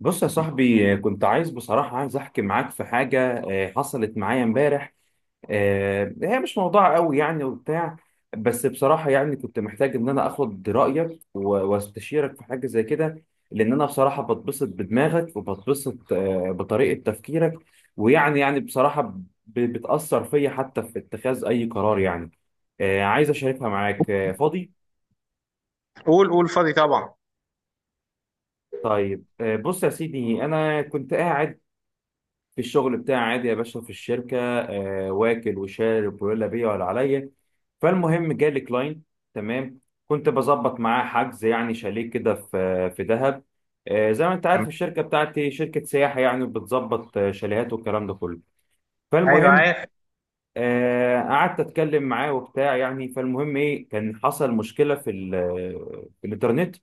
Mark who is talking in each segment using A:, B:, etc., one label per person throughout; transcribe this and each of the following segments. A: بص يا صاحبي، كنت عايز بصراحة عايز أحكي معاك في حاجة حصلت معايا امبارح. هي مش موضوع قوي يعني وبتاع. بس بصراحة يعني كنت محتاج إن أنا آخد رأيك واستشيرك في حاجة زي كده، لأن أنا بصراحة بتبسط بدماغك وبتبسط بطريقة تفكيرك، ويعني بصراحة بتأثر فيا حتى في اتخاذ أي قرار يعني. عايز أشاركها معاك. فاضي؟
B: قول قول فاضي طبعا.
A: طيب، بص يا سيدي، أنا كنت قاعد في الشغل بتاعي عادي يا باشا في الشركة، واكل وشارب ولا بيا ولا عليا، فالمهم جالي كلاين، تمام، كنت بظبط معاه حجز يعني شاليه كده في دهب. زي ما انت عارف
B: تمام.
A: الشركة بتاعتي شركة سياحة يعني بتظبط شاليهات والكلام ده كله.
B: ايوه،
A: فالمهم،
B: عارف.
A: قعدت اتكلم معاه وبتاع يعني، فالمهم ايه، كان حصل مشكلة في في الانترنت،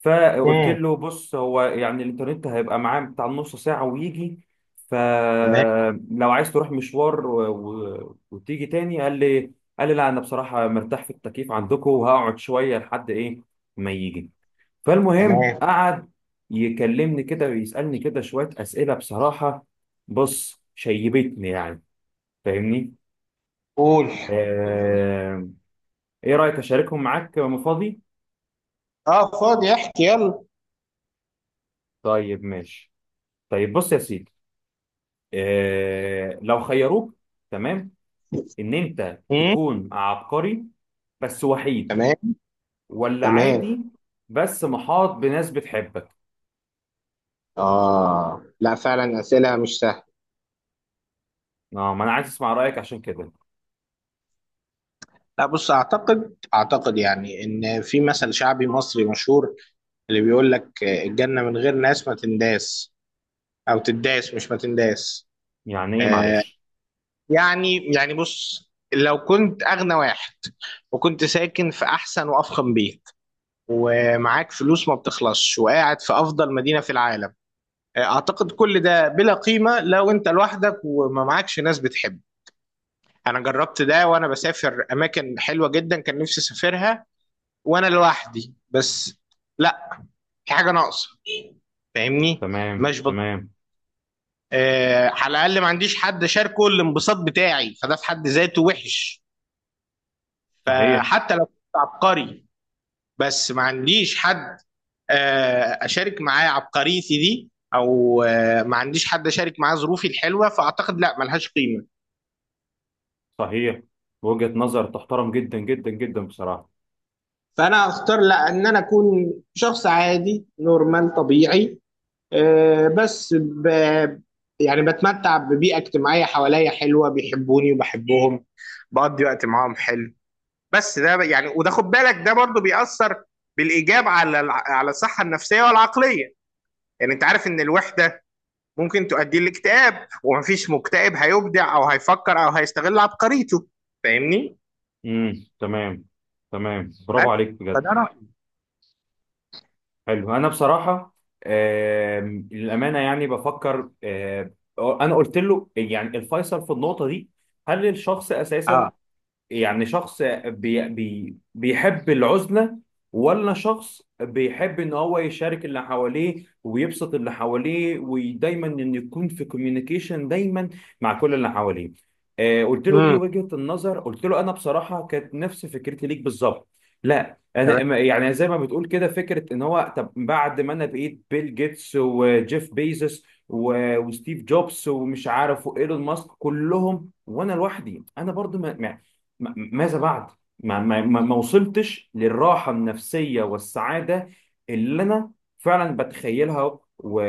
A: فقلت
B: امم.
A: له: بص، هو يعني الانترنت هيبقى معاه بتاع نص ساعة ويجي،
B: تمام،
A: فلو عايز تروح مشوار وتيجي تاني. قال لي لا، انا بصراحة مرتاح في التكييف عندكم وهقعد شوية لحد ايه ما يجي. فالمهم
B: تمام.
A: قعد يكلمني كده ويسألني كده شوية أسئلة، بصراحة بص شيبتني يعني، فاهمني؟
B: قول.
A: آه... ايه رأيك اشاركهم معاك وانا فاضي؟
B: اه، فاضي، احكي يلا.
A: طيب، ماشي. طيب بص يا سيدي، لو خيروك، تمام، ان انت
B: امم.
A: تكون عبقري بس وحيد،
B: تمام،
A: ولا
B: تمام.
A: عادي بس محاط بناس بتحبك؟
B: اه، لا فعلا، اسئله مش سهله.
A: اه، ما انا عايز اسمع رايك عشان كده.
B: لا، بص، اعتقد اعتقد يعني ان في مثل شعبي مصري مشهور اللي بيقول لك الجنه من غير ناس ما تنداس، او تداس، مش ما تنداس.
A: يعني ايه،
B: آه
A: معلش؟
B: يعني يعني بص، لو كنت اغنى واحد، وكنت ساكن في احسن وافخم بيت، ومعاك فلوس ما بتخلصش، وقاعد في افضل مدينة في العالم، اعتقد كل ده بلا قيمة لو انت لوحدك وما معكش ناس بتحب. انا جربت ده وانا بسافر اماكن حلوة جدا كان نفسي اسافرها وانا لوحدي بس. لا، في حاجة ناقصة، فاهمني؟
A: تمام،
B: مش بض...
A: تمام.
B: على الاقل ما عنديش حد شاركه الانبساط بتاعي، فده في حد ذاته وحش.
A: صحيح.
B: فحتى لو كنت عبقري بس ما عنديش حد اشارك معاه عبقريتي دي، او ما عنديش حد اشارك معاه ظروفي الحلوه، فاعتقد لا، ملهاش قيمه.
A: صحيح، وجهة نظر تحترم جدا جدا جدا بصراحة.
B: فانا اختار لا، ان انا اكون شخص عادي نورمال طبيعي، بس يعني بتمتع ببيئه اجتماعيه حواليا حلوه، بيحبوني وبحبهم، بقضي وقت معاهم حلو. بس ده يعني، وده خد بالك ده برضو بيأثر بالايجاب على على الصحه النفسيه والعقليه. يعني انت عارف ان الوحده ممكن تؤدي لاكتئاب، ومفيش مكتئب هيبدع او هيفكر او هيستغل عبقريته، فاهمني؟
A: امم، تمام. تمام، برافو
B: بس،
A: عليك بجد.
B: فده رأيي.
A: حلو. انا بصراحه، للامانه يعني بفكر، انا قلت له يعني الفيصل في النقطه دي: هل الشخص اساسا
B: اه.
A: يعني شخص بي بي بيحب العزلة، ولا شخص بيحب ان هو يشارك اللي حواليه ويبسط اللي حواليه ودايما ان يكون في كوميونيكيشن دايما مع كل اللي حواليه؟ قلت له: دي
B: امم.
A: وجهة النظر. قلت له: انا بصراحة كانت نفس فكرتي ليك بالظبط. لا، انا يعني زي ما بتقول كده، فكرة ان هو طب بعد ما انا بقيت بيل جيتس وجيف بيزوس وستيف جوبز ومش عارف وايلون ماسك كلهم وانا لوحدي، انا برضو، ما ماذا بعد؟ ما وصلتش للراحة النفسية والسعادة اللي أنا فعلا بتخيلها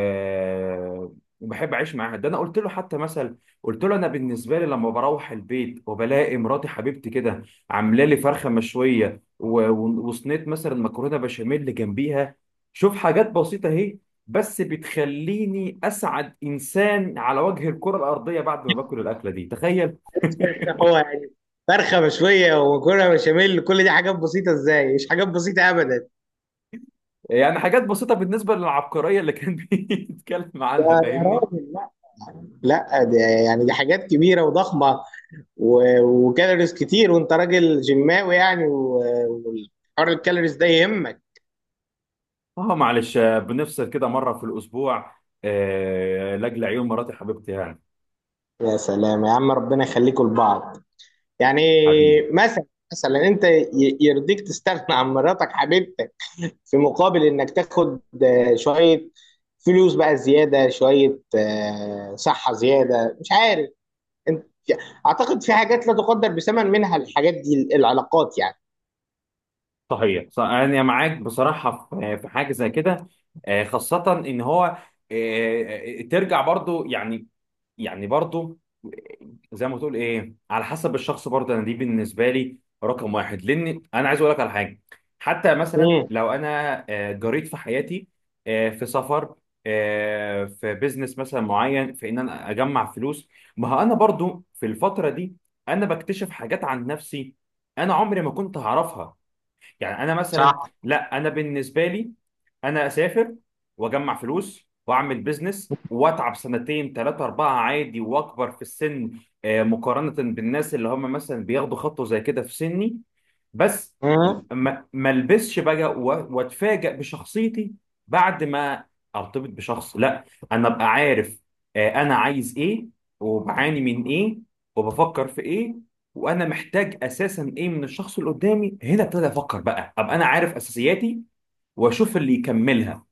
A: وبحب أعيش معاها. ده أنا قلت له حتى مثل، قلت له: أنا بالنسبة لي لما بروح البيت وبلاقي مراتي حبيبتي كده عاملة لي فرخة مشوية وصينية مثلا مكرونة بشاميل جنبيها، شوف حاجات بسيطة أهي، بس بتخليني أسعد إنسان على وجه الكرة الأرضية بعد ما باكل الأكلة دي، تخيل.
B: طب هو يعني فرخة مشوية ومكرونة بشاميل، كل دي حاجات بسيطة ازاي؟ مش حاجات بسيطة أبدا.
A: يعني حاجات بسيطة بالنسبة للعبقرية اللي كان بيتكلم عنها،
B: يا
A: فاهمني؟
B: راجل، لا. لا دي يعني، دي حاجات كبيرة وضخمة، و- وكالوريز كتير، وأنت راجل جماوي يعني، وحوار الكالوريز ده يهمك.
A: اه، معلش، بنفصل كده مرة في الأسبوع، لأجل عيون مراتي حبيبتي يعني.
B: يا سلام يا عم، ربنا يخليكم لبعض يعني.
A: حبيبي.
B: مثلا، مثلا انت يرضيك تستغنى عن مراتك حبيبتك في مقابل انك تاخد شوية فلوس بقى زيادة، شوية صحة زيادة، مش عارف انت. اعتقد في حاجات لا تقدر بثمن، منها الحاجات دي، العلاقات يعني.
A: صحيح. أنا معاك بصراحة في حاجة زي كده، خاصة إن هو ترجع برضو يعني. يعني برضو، زي ما تقول ايه، على حسب الشخص، برضه انا دي بالنسبه لي رقم واحد، لان انا عايز اقول لك على حاجه: حتى مثلا
B: امم.
A: لو انا جريت في حياتي، في سفر، في بيزنس مثلا معين، في ان انا اجمع فلوس، ما هو انا برضو في الفتره دي انا بكتشف حاجات عن نفسي انا عمري ما كنت هعرفها. يعني انا مثلا،
B: صح.
A: لا، انا بالنسبه لي انا اسافر واجمع فلوس واعمل بيزنس واتعب سنتين ثلاثه اربعه عادي، واكبر في السن مقارنه بالناس اللي هم مثلا بياخدوا خطوه زي كده في سني، بس
B: امم.
A: ما البسش بقى واتفاجئ بشخصيتي بعد ما ارتبط بشخص. لا، انا ابقى عارف انا عايز ايه، وبعاني من ايه، وبفكر في ايه، وانا محتاج اساسا ايه من الشخص اللي قدامي، هنا ابتدي افكر بقى، ابقى انا عارف اساسياتي واشوف اللي يكملها،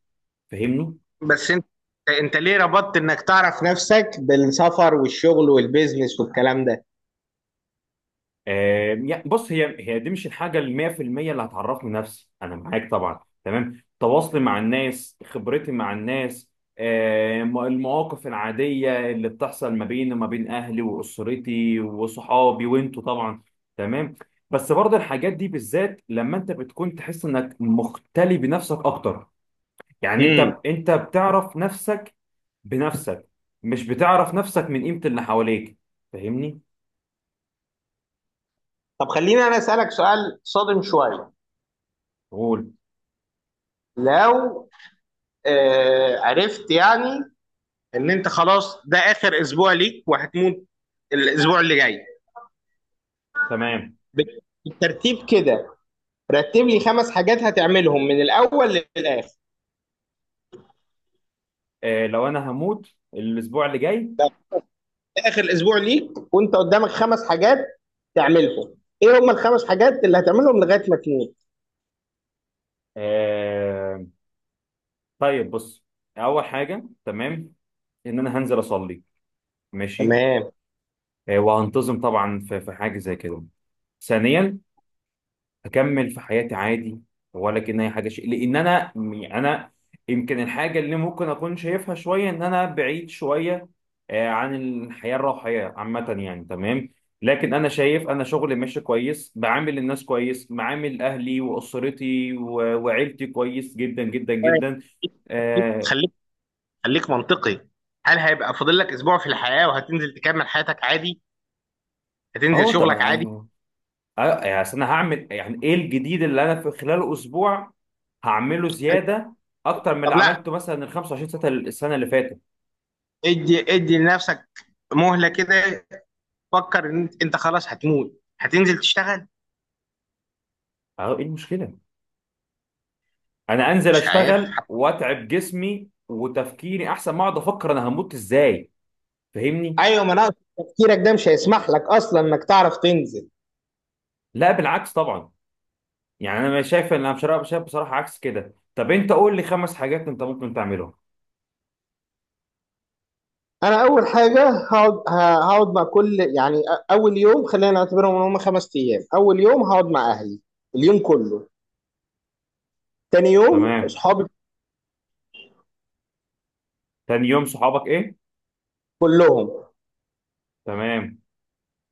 A: فاهمني؟
B: بس انت، انت ليه ربطت انك تعرف نفسك بالسفر والشغل والبيزنس والكلام ده؟
A: يعني بص، هي دي مش الحاجه ال 100% اللي هتعرفني نفسي، انا معاك طبعا، تمام، تواصلي مع الناس، خبرتي مع الناس، المواقف العاديه اللي بتحصل ما بيني وما بين اهلي واسرتي وصحابي وانتوا طبعا، تمام. بس برضه الحاجات دي بالذات لما انت بتكون تحس انك مختلي بنفسك اكتر، يعني انت
B: امم.
A: انت بتعرف نفسك بنفسك، مش بتعرف نفسك من قيمة اللي حواليك، فاهمني؟
B: طب خليني انا اسالك سؤال صادم شويه.
A: قول.
B: لو عرفت يعني ان انت خلاص ده اخر اسبوع ليك وهتموت الاسبوع اللي جاي،
A: تمام.
B: بالترتيب كده رتب لي خمس حاجات هتعملهم من الاول للاخر.
A: لو انا هموت الاسبوع اللي جاي،
B: ده اخر اسبوع ليك وانت قدامك خمس حاجات تعملهم، ايه هم الخمس حاجات اللي هتعملهم لغايه ما تموت؟
A: آه طيب بص: اول حاجة، تمام، ان انا هنزل اصلي، ماشي،
B: تمام.
A: وهنتظم طبعا في حاجة زي كده. ثانيا، اكمل في حياتي عادي، ولا كان اي حاجه شيء، لان انا يعني انا يمكن الحاجه اللي ممكن اكون شايفها شويه ان انا بعيد شويه عن الحياه الروحيه عامه يعني، تمام. لكن انا شايف انا شغلي ماشي كويس، بعامل الناس كويس، بعامل اهلي واسرتي وعيلتي كويس جدا جدا جدا، اه.
B: خليك، خليك منطقي. هل هيبقى فاضل لك اسبوع في الحياه وهتنزل تكمل حياتك عادي؟ هتنزل
A: طب
B: شغلك عادي؟
A: انا، يعني أصل انا هعمل يعني ايه الجديد اللي انا في خلال اسبوع هعمله زياده اكتر من اللي
B: طب لا،
A: عملته مثلا ال 25 سنه السنه اللي فاتت؟
B: ادي ادي لنفسك مهلة كده، فكر ان انت، أنت خلاص هتموت، هتنزل تشتغل؟
A: اه، ايه المشكله؟ انا انزل
B: مش عارف.
A: اشتغل واتعب جسمي وتفكيري احسن ما اقعد افكر انا هموت ازاي، فاهمني؟
B: ايوه، ما انا أقصد تفكيرك ده مش هيسمح لك اصلا انك تعرف تنزل.
A: لا، بالعكس طبعا. يعني انا مش شايف ان انا مش شايف بصراحه، عكس كده. طب انت قول لي خمس حاجات انت ممكن تعملهم؟
B: انا اول حاجه هقعد مع كل، يعني اول يوم خلينا نعتبرهم ان هم خمس ايام. اول يوم هقعد مع اهلي اليوم كله. تاني يوم
A: تمام.
B: اصحابي
A: تاني يوم صحابك، ايه؟
B: كلهم.
A: تمام.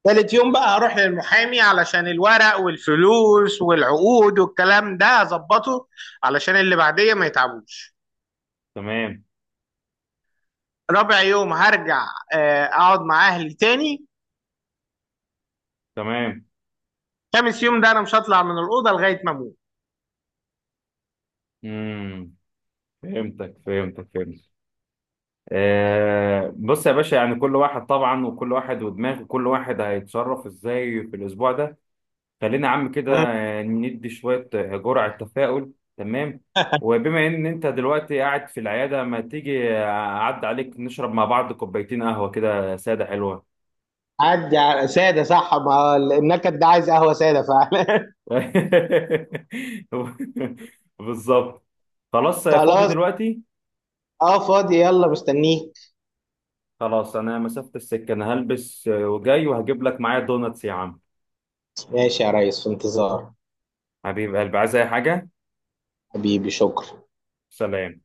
B: تالت يوم بقى هروح للمحامي علشان الورق والفلوس والعقود والكلام ده اظبطه، علشان اللي بعديه ما يتعبوش.
A: تمام.
B: رابع يوم هرجع اقعد مع اهلي تاني.
A: تمام.
B: خامس يوم ده انا مش هطلع من الاوضه لغايه ما اموت.
A: امم. فهمتك، فهمتك، فهمتك. بص يا باشا، يعني كل واحد طبعا، وكل واحد ودماغه، كل واحد هيتصرف ازاي في الاسبوع ده. خلينا يا عم كده
B: مم.
A: ندي شوية جرعة تفاؤل، تمام. وبما إن أنت دلوقتي قاعد في العيادة، ما تيجي أعدي عليك نشرب مع بعض كوبايتين قهوة كده سادة حلوة؟
B: عدي على ساده، صح، ما النكد ده عايز قهوه ساده فعلا.
A: بالظبط. خلاص، فاضي
B: خلاص.
A: دلوقتي؟
B: اه، فاضي، يلا مستنيك.
A: خلاص، أنا مسافة السكة، أنا هلبس وجاي، وهجيب لك معايا دوناتس يا عم.
B: ماشي يا ريس، في انتظار.
A: حبيب قلبي، عايز أي حاجة؟
B: حبيبي، شكرا.
A: سلام.